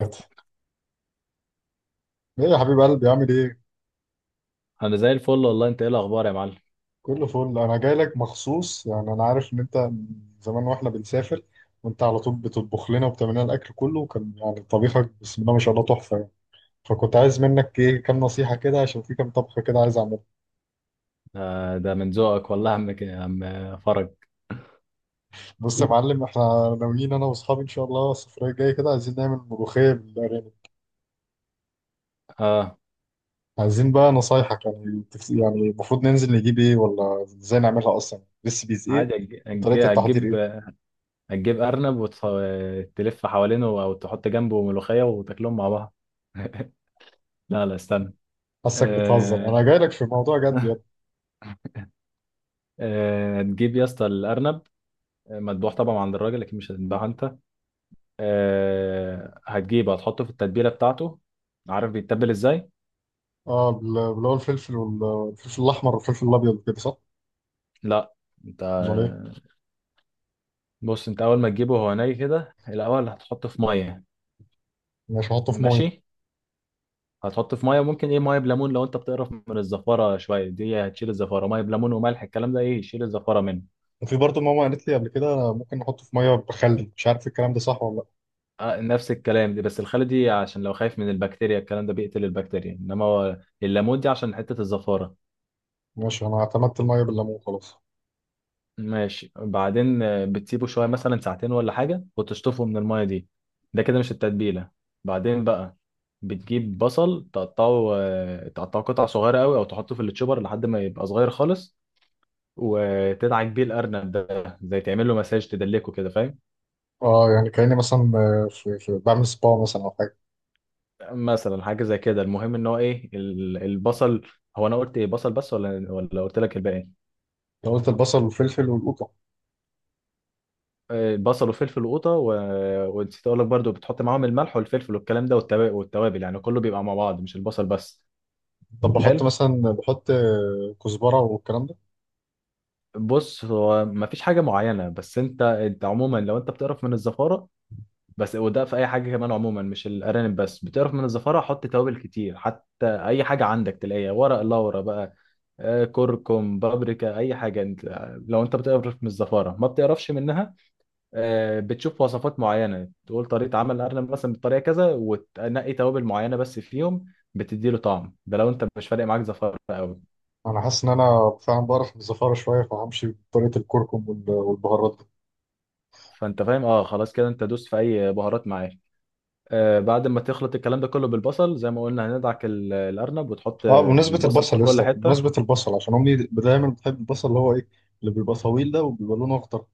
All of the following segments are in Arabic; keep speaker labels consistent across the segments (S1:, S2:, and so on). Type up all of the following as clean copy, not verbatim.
S1: ايه؟ يا حبيب قلبي، عامل ايه؟
S2: انا زي الفل والله. انت ايه الاخبار يا معلم؟
S1: كله فل. انا جاي لك مخصوص، يعني انا عارف ان انت من زمان، واحنا بنسافر وانت على طول بتطبخ لنا وبتعمل لنا الاكل كله، وكان يعني طبيخك بسم الله ما شاء الله تحفه يعني. فكنت عايز منك ايه، كام نصيحه كده، عشان في كام طبخه كده عايز اعملها.
S2: ده من ذوقك والله يا عم، يا عم فرج.
S1: بص يا معلم، احنا ناويين انا واصحابي ان شاء الله السفريه الجايه كده، عايزين نعمل ملوخيه بالارانب.
S2: اه،
S1: عايزين بقى نصايحك، يعني يعني المفروض ننزل نجيب ايه، ولا ازاي نعملها اصلا، ريسبيز ايه
S2: عادي. هتج- هتج-
S1: وطريقه التحضير
S2: هتجيب
S1: ايه؟
S2: هتجيب ارنب وتلف حوالينه او تحط جنبه ملوخيه وتاكلهم مع بعض. لا لا استنى.
S1: حاسك بتهزر،
S2: آه،
S1: انا جاي لك في موضوع جد.
S2: آه، هتجيب يا اسطى الارنب مذبوح طبعا عند الراجل، لكن مش هتذبحه انت. آه، هتجيبه هتحطه في التتبيله بتاعته. عارف بيتبل ازاي؟
S1: اه اللي هو الفلفل والفلفل الاحمر والفلفل الابيض، كده صح؟
S2: لا. انت
S1: امال ايه؟
S2: بص، انت اول ما تجيبه هو ني كده الاول هتحطه في ميه.
S1: مش هحطه في ميه.
S2: ماشي، هتحط في ميه ممكن ايه، ميه بليمون، لو انت بتقرف من الزفاره شويه دي هتشيل الزفاره. ميه بليمون وملح، الكلام ده ايه يشيل الزفاره منه.
S1: وفي برضه ماما قالت لي قبل كده ممكن نحطه في ميه بخل، مش عارف الكلام ده صح ولا لا.
S2: آه نفس الكلام دي، بس الخل دي عشان لو خايف من البكتيريا، الكلام ده بيقتل البكتيريا، انما هو الليمون دي عشان حته الزفاره.
S1: ماشي، انا اعتمدت الميه بالليمون خلاص.
S2: ماشي بعدين، بتسيبه شويه مثلا ساعتين ولا حاجه وتشطفه من الميه دي. ده كده مش التتبيله. بعدين بقى بتجيب بصل تقطعه، تقطعه قطع صغيره قوي او تحطه في التشوبر لحد ما يبقى صغير خالص، وتدعك بيه الارنب ده، زي تعمل له مساج تدلكه كده فاهم.
S1: اه يعني كاني مثلا، في بعمل سبا مثلا او حاجه.
S2: مثلا حاجه زي كده، المهم ان هو ايه البصل. هو انا قلت ايه، بصل بس ولا قلت لك الباقي؟
S1: لو قلت البصل والفلفل والقوطه.
S2: آه، بصل وفلفل وقوطه و... ونسيت اقول لك برضو بتحط معاهم الملح والفلفل والكلام ده والتوابل، يعني كله بيبقى مع بعض مش البصل بس.
S1: طب بحط
S2: حلو.
S1: مثلا بحط كزبره والكلام ده.
S2: بص، هو مفيش حاجه معينه، بس انت انت عموما لو انت بتقرف من الزفاره بس، وده في اي حاجه كمان عموما مش الارانب بس، بتقرف من الزفاره حط توابل كتير، حتى اي حاجه عندك تلاقيها، ورق لورا بقى، كركم، بابريكا، اي حاجه انت. لو انت بتقرف من الزفاره ما بتقرفش منها، بتشوف وصفات معينه تقول طريقه عمل الارنب مثلا بالطريقه كذا وتنقي توابل معينه بس فيهم بتدي له طعم. ده لو انت مش فارق معاك زفاره قوي.
S1: انا حاسس ان انا فعلا بقرف من الزفاره شويه، فهمشي بطريقه الكركم والبهارات.
S2: فانت فاهم؟ اه خلاص كده، انت دوس في اي بهارات معاك. آه، بعد ما تخلط الكلام ده كله بالبصل زي ما قلنا هندعك الارنب وتحط
S1: اه بمناسبة
S2: البصل
S1: البصل
S2: في
S1: يا
S2: كل
S1: اسطى،
S2: حته.
S1: بمناسبة البصل عشان امي دايما بتحب البصل اللي هو ايه، اللي بيبقى طويل ده وبيبقى لونه اخضر،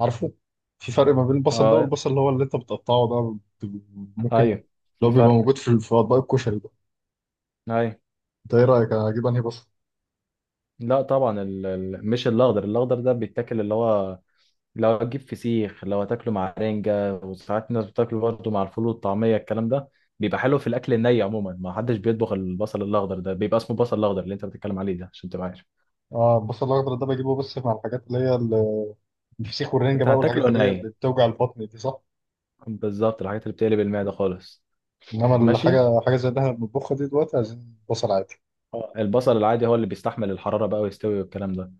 S1: عارفه؟ في فرق ما بين البصل ده
S2: اه.
S1: والبصل اللي هو اللي انت بتقطعه ده؟ بت- ممكن اللي
S2: ايوه،
S1: هو
S2: في
S1: بيبقى
S2: فرق.
S1: موجود في اطباق الكشري ده.
S2: ايوه.
S1: انت ايه رايك، اجيب انهي بصل؟
S2: لا طبعا، مش الاخضر. الاخضر ده بيتاكل، اللي هو لو هتجيب فسيخ، لو هتاكله مع رنجة، وساعات الناس بتاكله برضه مع الفول والطعمية الكلام ده، بيبقى حلو في الأكل الني. عموما ما حدش بيطبخ البصل الأخضر ده، بيبقى اسمه بصل الأخضر اللي أنت بتتكلم عليه ده عشان تبقى عارف.
S1: اه البصل الاخضر ده بجيبه بس مع الحاجات اللي هي الفسيخ والرنجة
S2: أنت
S1: بقى،
S2: هتاكله
S1: والحاجات اللي هي اللي
S2: ني.
S1: بتوجع البطن دي، صح؟
S2: بالظبط، الحاجات اللي بتقلب المعدة خالص.
S1: انما
S2: ماشي.
S1: الحاجة حاجة زي اللي احنا بنطبخها دي دلوقتي، عايزين بصل عادي.
S2: آه، البصل العادي هو اللي بيستحمل الحرارة بقى ويستوي والكلام ده.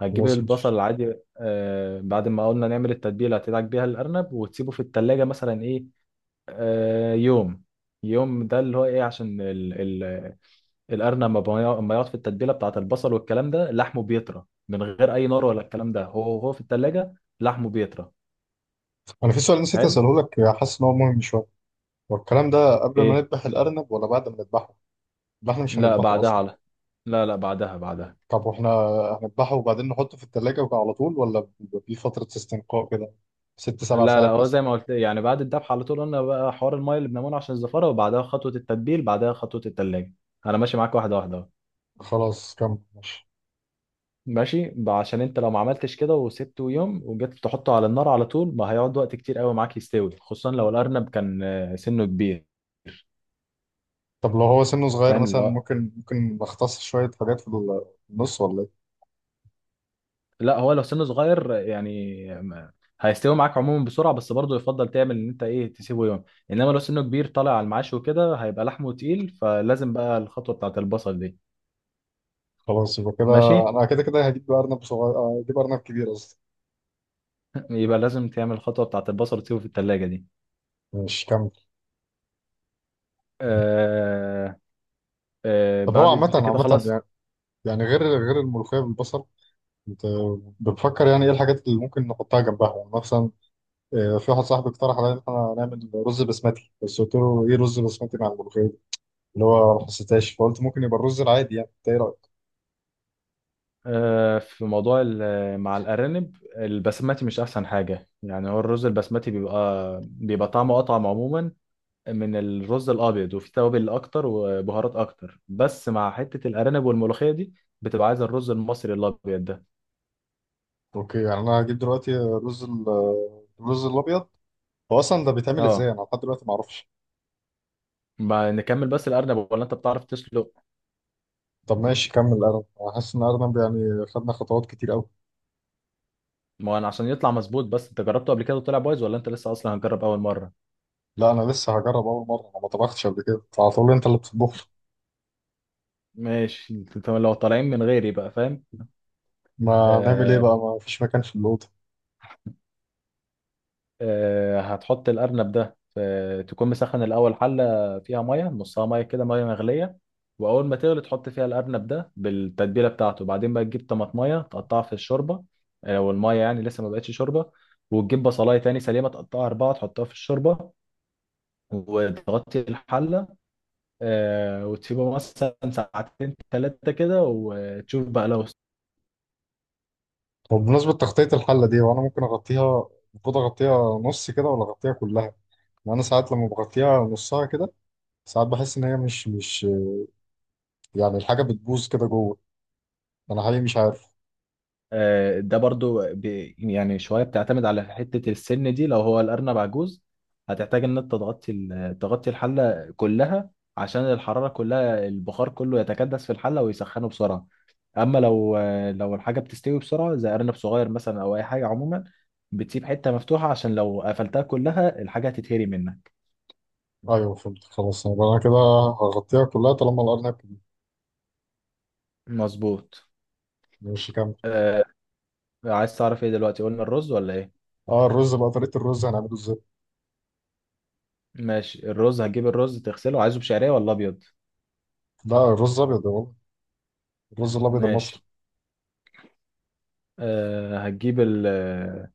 S2: هتجيب
S1: خلاص
S2: البصل
S1: ماشي.
S2: العادي. آه، بعد ما قلنا نعمل التتبيلة هتدعك بيها الأرنب وتسيبه في التلاجة مثلا إيه، آه، يوم. يوم ده اللي هو ايه، عشان القرن لما يقعد في التتبيله بتاعت البصل والكلام ده لحمه بيطرى من غير اي نار ولا الكلام ده، هو هو في التلاجة لحمه بيطرى.
S1: انا في سؤال نسيت
S2: حلو.
S1: اساله لك، حاسس ان هو مهم شوية. والكلام ده قبل ما
S2: ايه؟
S1: نذبح الأرنب ولا بعد ما نذبحه؟ ده احنا مش
S2: لا
S1: هنذبحه
S2: بعدها،
S1: أصلا.
S2: على، لا لا، بعدها بعدها.
S1: طب واحنا هنذبحه وبعدين نحطه في التلاجة على طول، ولا بيبقى في فترة استنقاء كده ست سبع
S2: لا لا،
S1: ساعات
S2: هو
S1: مثلا؟
S2: زي ما قلت يعني، بعد الذبح على طول قلنا بقى حوار المايه اللي بنعمله عشان الزفاره، وبعدها خطوه التتبيل، بعدها خطوه التلاجة. انا ماشي معاك واحده واحده أهو.
S1: خلاص كمل ماشي.
S2: ماشي، عشان انت لو ما عملتش كده وسبته يوم وجيت تحطه على النار على طول، ما هيقعد وقت كتير قوي معاك يستوي، خصوصا لو الارنب كان سنه كبير.
S1: طب لو هو سنه صغير
S2: فاهم؟
S1: مثلا،
S2: لا،
S1: ممكن نختص شوية حاجات في النص ولا ايه؟
S2: لا هو لو سنه صغير يعني هيستوي معاك عموما بسرعه، بس برضه يفضل تعمل ان انت ايه تسيبه يوم. انما لو سنه كبير طالع على المعاش وكده، هيبقى لحمه تقيل، فلازم بقى الخطوه بتاعت البصل دي.
S1: خلاص يبقى كده،
S2: ماشي.
S1: أنا كده كده هجيب أرنب صغير، هجيب أرنب كبير قصدي.
S2: يبقى لازم تعمل الخطوه بتاعت البصل وتسيبه في الثلاجه دي.
S1: ماشي كمل.
S2: آه. آه،
S1: طب هو
S2: بعد
S1: عامة
S2: انت كده
S1: عامة
S2: خلاص.
S1: يعني، يعني غير الملوخية بالبصل، انت بتفكر يعني ايه الحاجات اللي ممكن نحطها جنبها يعني؟ مثلا في واحد صاحبي اقترح عليا ان احنا نعمل رز بسمتي، بس قلت له ايه، رز بسمتي مع الملوخيه اللي هو ما حسيتهاش، فقلت ممكن يبقى الرز العادي، يعني انت ايه رايك؟
S2: آه، في موضوع مع الارانب، البسمتي مش احسن حاجه يعني. هو الرز البسمتي بيبقى طعمه اطعم عموما من الرز الابيض وفي توابل اكتر وبهارات اكتر، بس مع حته الارانب والملوخيه دي بتبقى عايزه الرز المصري الابيض ده.
S1: اوكي، يعني انا هجيب دلوقتي الرز الرز الابيض. هو اصلا ده بيتعمل
S2: اه.
S1: ازاي؟ انا لحد دلوقتي ما اعرفش.
S2: ما نكمل بس الارنب، ولا انت بتعرف تسلق؟
S1: طب ماشي كمل ارنب، انا حاسس ان ارنب يعني خدنا خطوات كتير قوي.
S2: ما انا عشان يطلع مظبوط. بس انت جربته قبل كده وطلع بايظ، ولا انت لسه اصلا هنجرب اول مره؟
S1: لا انا لسه هجرب اول مره، انا ما طبختش قبل كده، على طول انت اللي بتطبخ لي.
S2: ماشي، انت لو طالعين من غيري بقى فاهم.
S1: ما نعمل ايه
S2: آه،
S1: بقى، ما فيش مكان في الاوضه.
S2: هتحط الأرنب ده تكون مسخن الأول حلة فيها مية، نصها مية كده، مية مغلية. وأول ما تغلي تحط فيها الأرنب ده بالتتبيلة بتاعته. بعدين بقى تجيب طماطمية تقطعها في الشوربة، لو المية يعني لسه ما بقتش شوربة. وتجيب بصلاية تاني سليمة تقطعها أربعة تحطها في الشوربة وتغطي الحلة. آه، وتسيبه مثلا ساعتين تلاتة كده وتشوف بقى لو.
S1: طب بمناسبه تغطيه الحله دي، وانا ممكن اغطيها، المفروض اغطيها نص كده ولا اغطيها كلها؟ وانا ساعات لما بغطيها نصها كده، ساعات بحس ان هي مش يعني الحاجه بتبوظ كده جوه، انا حقيقي مش عارف.
S2: ده برضو يعني شوية بتعتمد على حتة السن دي. لو هو الأرنب عجوز هتحتاج إن أنت تغطي تغطي الحلة كلها، عشان الحرارة كلها البخار كله يتكدس في الحلة ويسخنه بسرعة. أما لو لو الحاجة بتستوي بسرعة زي أرنب صغير مثلا أو أي حاجة عموما، بتسيب حتة مفتوحة، عشان لو قفلتها كلها الحاجة هتتهري منك.
S1: ايوه فهمت خلاص، يبقى انا كده هغطيها كلها طالما الارنب
S2: مظبوط.
S1: مش كامل.
S2: أه. عايز تعرف إيه دلوقتي، قلنا الرز ولا إيه؟
S1: اه الرز بقى، طريقه الرز هنعمله ازاي؟
S2: ماشي، الرز هتجيب الرز تغسله. عايزه بشعرية ولا أبيض؟
S1: لا الرز ابيض يا بابا، الرز الابيض المصري.
S2: ماشي. آه، هتجيب ال آه،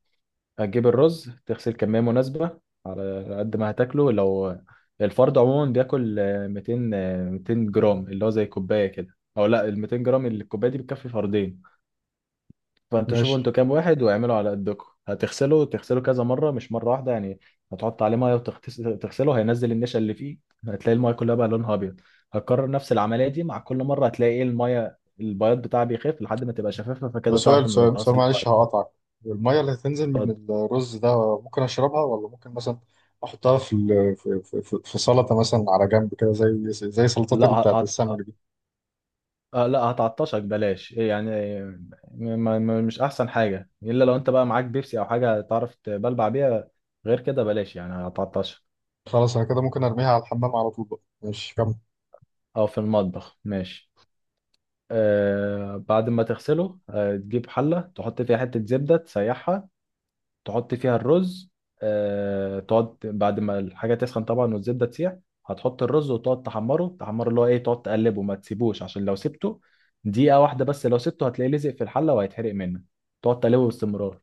S2: هتجيب الرز تغسل كمية مناسبة على قد ما هتاكله. لو الفرد عموما بياكل 200 200 جرام، اللي هو زي كوباية كده، او لا ال 200 جرام اللي الكوباية دي بتكفي فردين. فانتوا شوفوا
S1: ماشي،
S2: انتوا كام واحد واعملوا على قدكم. هتغسله، تغسله كذا مرة مش مرة واحدة يعني. هتحط عليه مية وتغسله، هينزل النشا اللي فيه، هتلاقي المية كلها بقى لونها ابيض. هتكرر نفس العملية دي، مع كل مرة هتلاقي ايه المية البياض بتاعها بيخف لحد ما تبقى شفافة،
S1: بس
S2: فكده تعرف
S1: سؤال
S2: ان ده
S1: سؤال سؤال
S2: غسل
S1: معلش
S2: كويس.
S1: هقطعك. الميه اللي هتنزل من الرز ده ممكن اشربها، ولا ممكن مثلا احطها في سلطه مثلا على جنب كده، زي سلطات
S2: لا
S1: اللي بتاعت
S2: هت...
S1: السمك
S2: هت-
S1: دي؟
S2: آه، لا، هتعطشك، بلاش إيه يعني. م... مش احسن حاجه، الا لو انت بقى معاك بيبسي او حاجه تعرف تبلبع بيها، غير كده بلاش يعني هتعطشك.
S1: خلاص انا كده ممكن ارميها على الحمام على طول بقى. ماشي كمل.
S2: او في المطبخ. ماشي. آه، بعد ما تغسله آه تجيب حله تحط فيها حته زبده تسيحها، تحط فيها الرز. آه، تقعد بعد ما الحاجة تسخن طبعا والزبدة تسيح، هتحط الرز وتقعد تحمره تحمره، اللي هو ايه، تقعد تقلبه ما تسيبوش، عشان لو سبته دقيقة واحدة بس لو سبته هتلاقيه لزق في الحلة وهيتحرق منك. تقعد تقلبه باستمرار.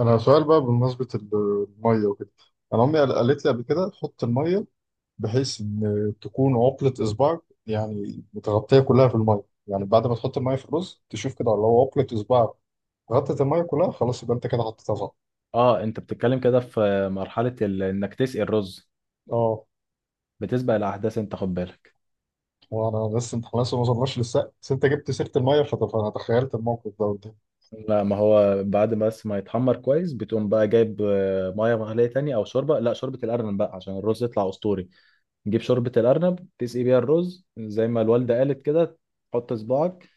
S1: انا سؤال بقى بمناسبة المية وكده. انا امي قالت لي قبل كده، حط المية بحيث ان تكون عقلة اصبعك، يعني متغطية كلها في المية. يعني بعد ما تحط المية في الرز تشوف كده لو عقلة اصبعك غطت المية كلها، خلاص يبقى انت كده حطيتها صح.
S2: اه، انت بتتكلم كده في مرحلة انك تسقي الرز.
S1: اه.
S2: بتسبق الأحداث انت، خد بالك.
S1: وانا لسه، انت خلاص ما وصلناش للسقف بس انت جبت سيرة المية فانا تخيلت الموقف ده قدامي.
S2: لا، ما هو بعد بس ما يتحمر كويس بتقوم بقى جايب ميه مغليه تاني او شوربه، لا شوربه الارنب بقى عشان الرز يطلع اسطوري. تجيب شوربة الأرنب تسقي بيها الرز زي ما الوالدة قالت كده. تحط صباعك،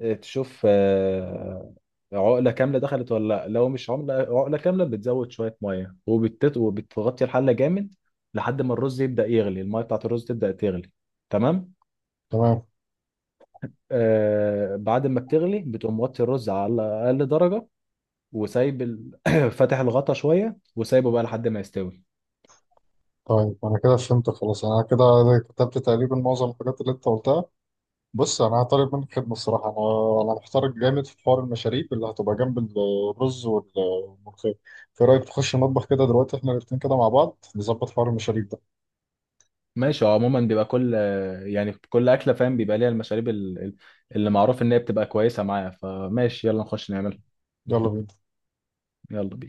S2: تشوف عقلة كاملة دخلت ولا لأ. لو مش عملة عقلة كاملة بتزود شوية مية وبتغطي الحلة جامد لحد ما الرز يبدأ يغلي، المية بتاعت الرز تبدأ تغلي. تمام.
S1: تمام.
S2: آه، بعد ما بتغلي بتقوم موطي الرز على أقل درجة، وسايب فاتح الغطا شوية وسايبه بقى لحد ما يستوي.
S1: طيب انا كده فهمت خلاص، انا كده كتبت تقريبا معظم الحاجات اللي انت قلتها. بص انا هطالب منك خدمه، الصراحه انا محتار جامد في حوار المشاريب اللي هتبقى جنب الرز والملوخيه. في رايك تخش المطبخ كده دلوقتي احنا الاتنين كده مع بعض نظبط حوار المشاريب ده؟
S2: ماشي. هو عموما بيبقى كل، يعني كل اكله فاهم بيبقى ليها المشاريب اللي معروف ان هي بتبقى كويسه معايا، فماشي، يلا نخش نعملها.
S1: يلا بينا.
S2: يلا بينا.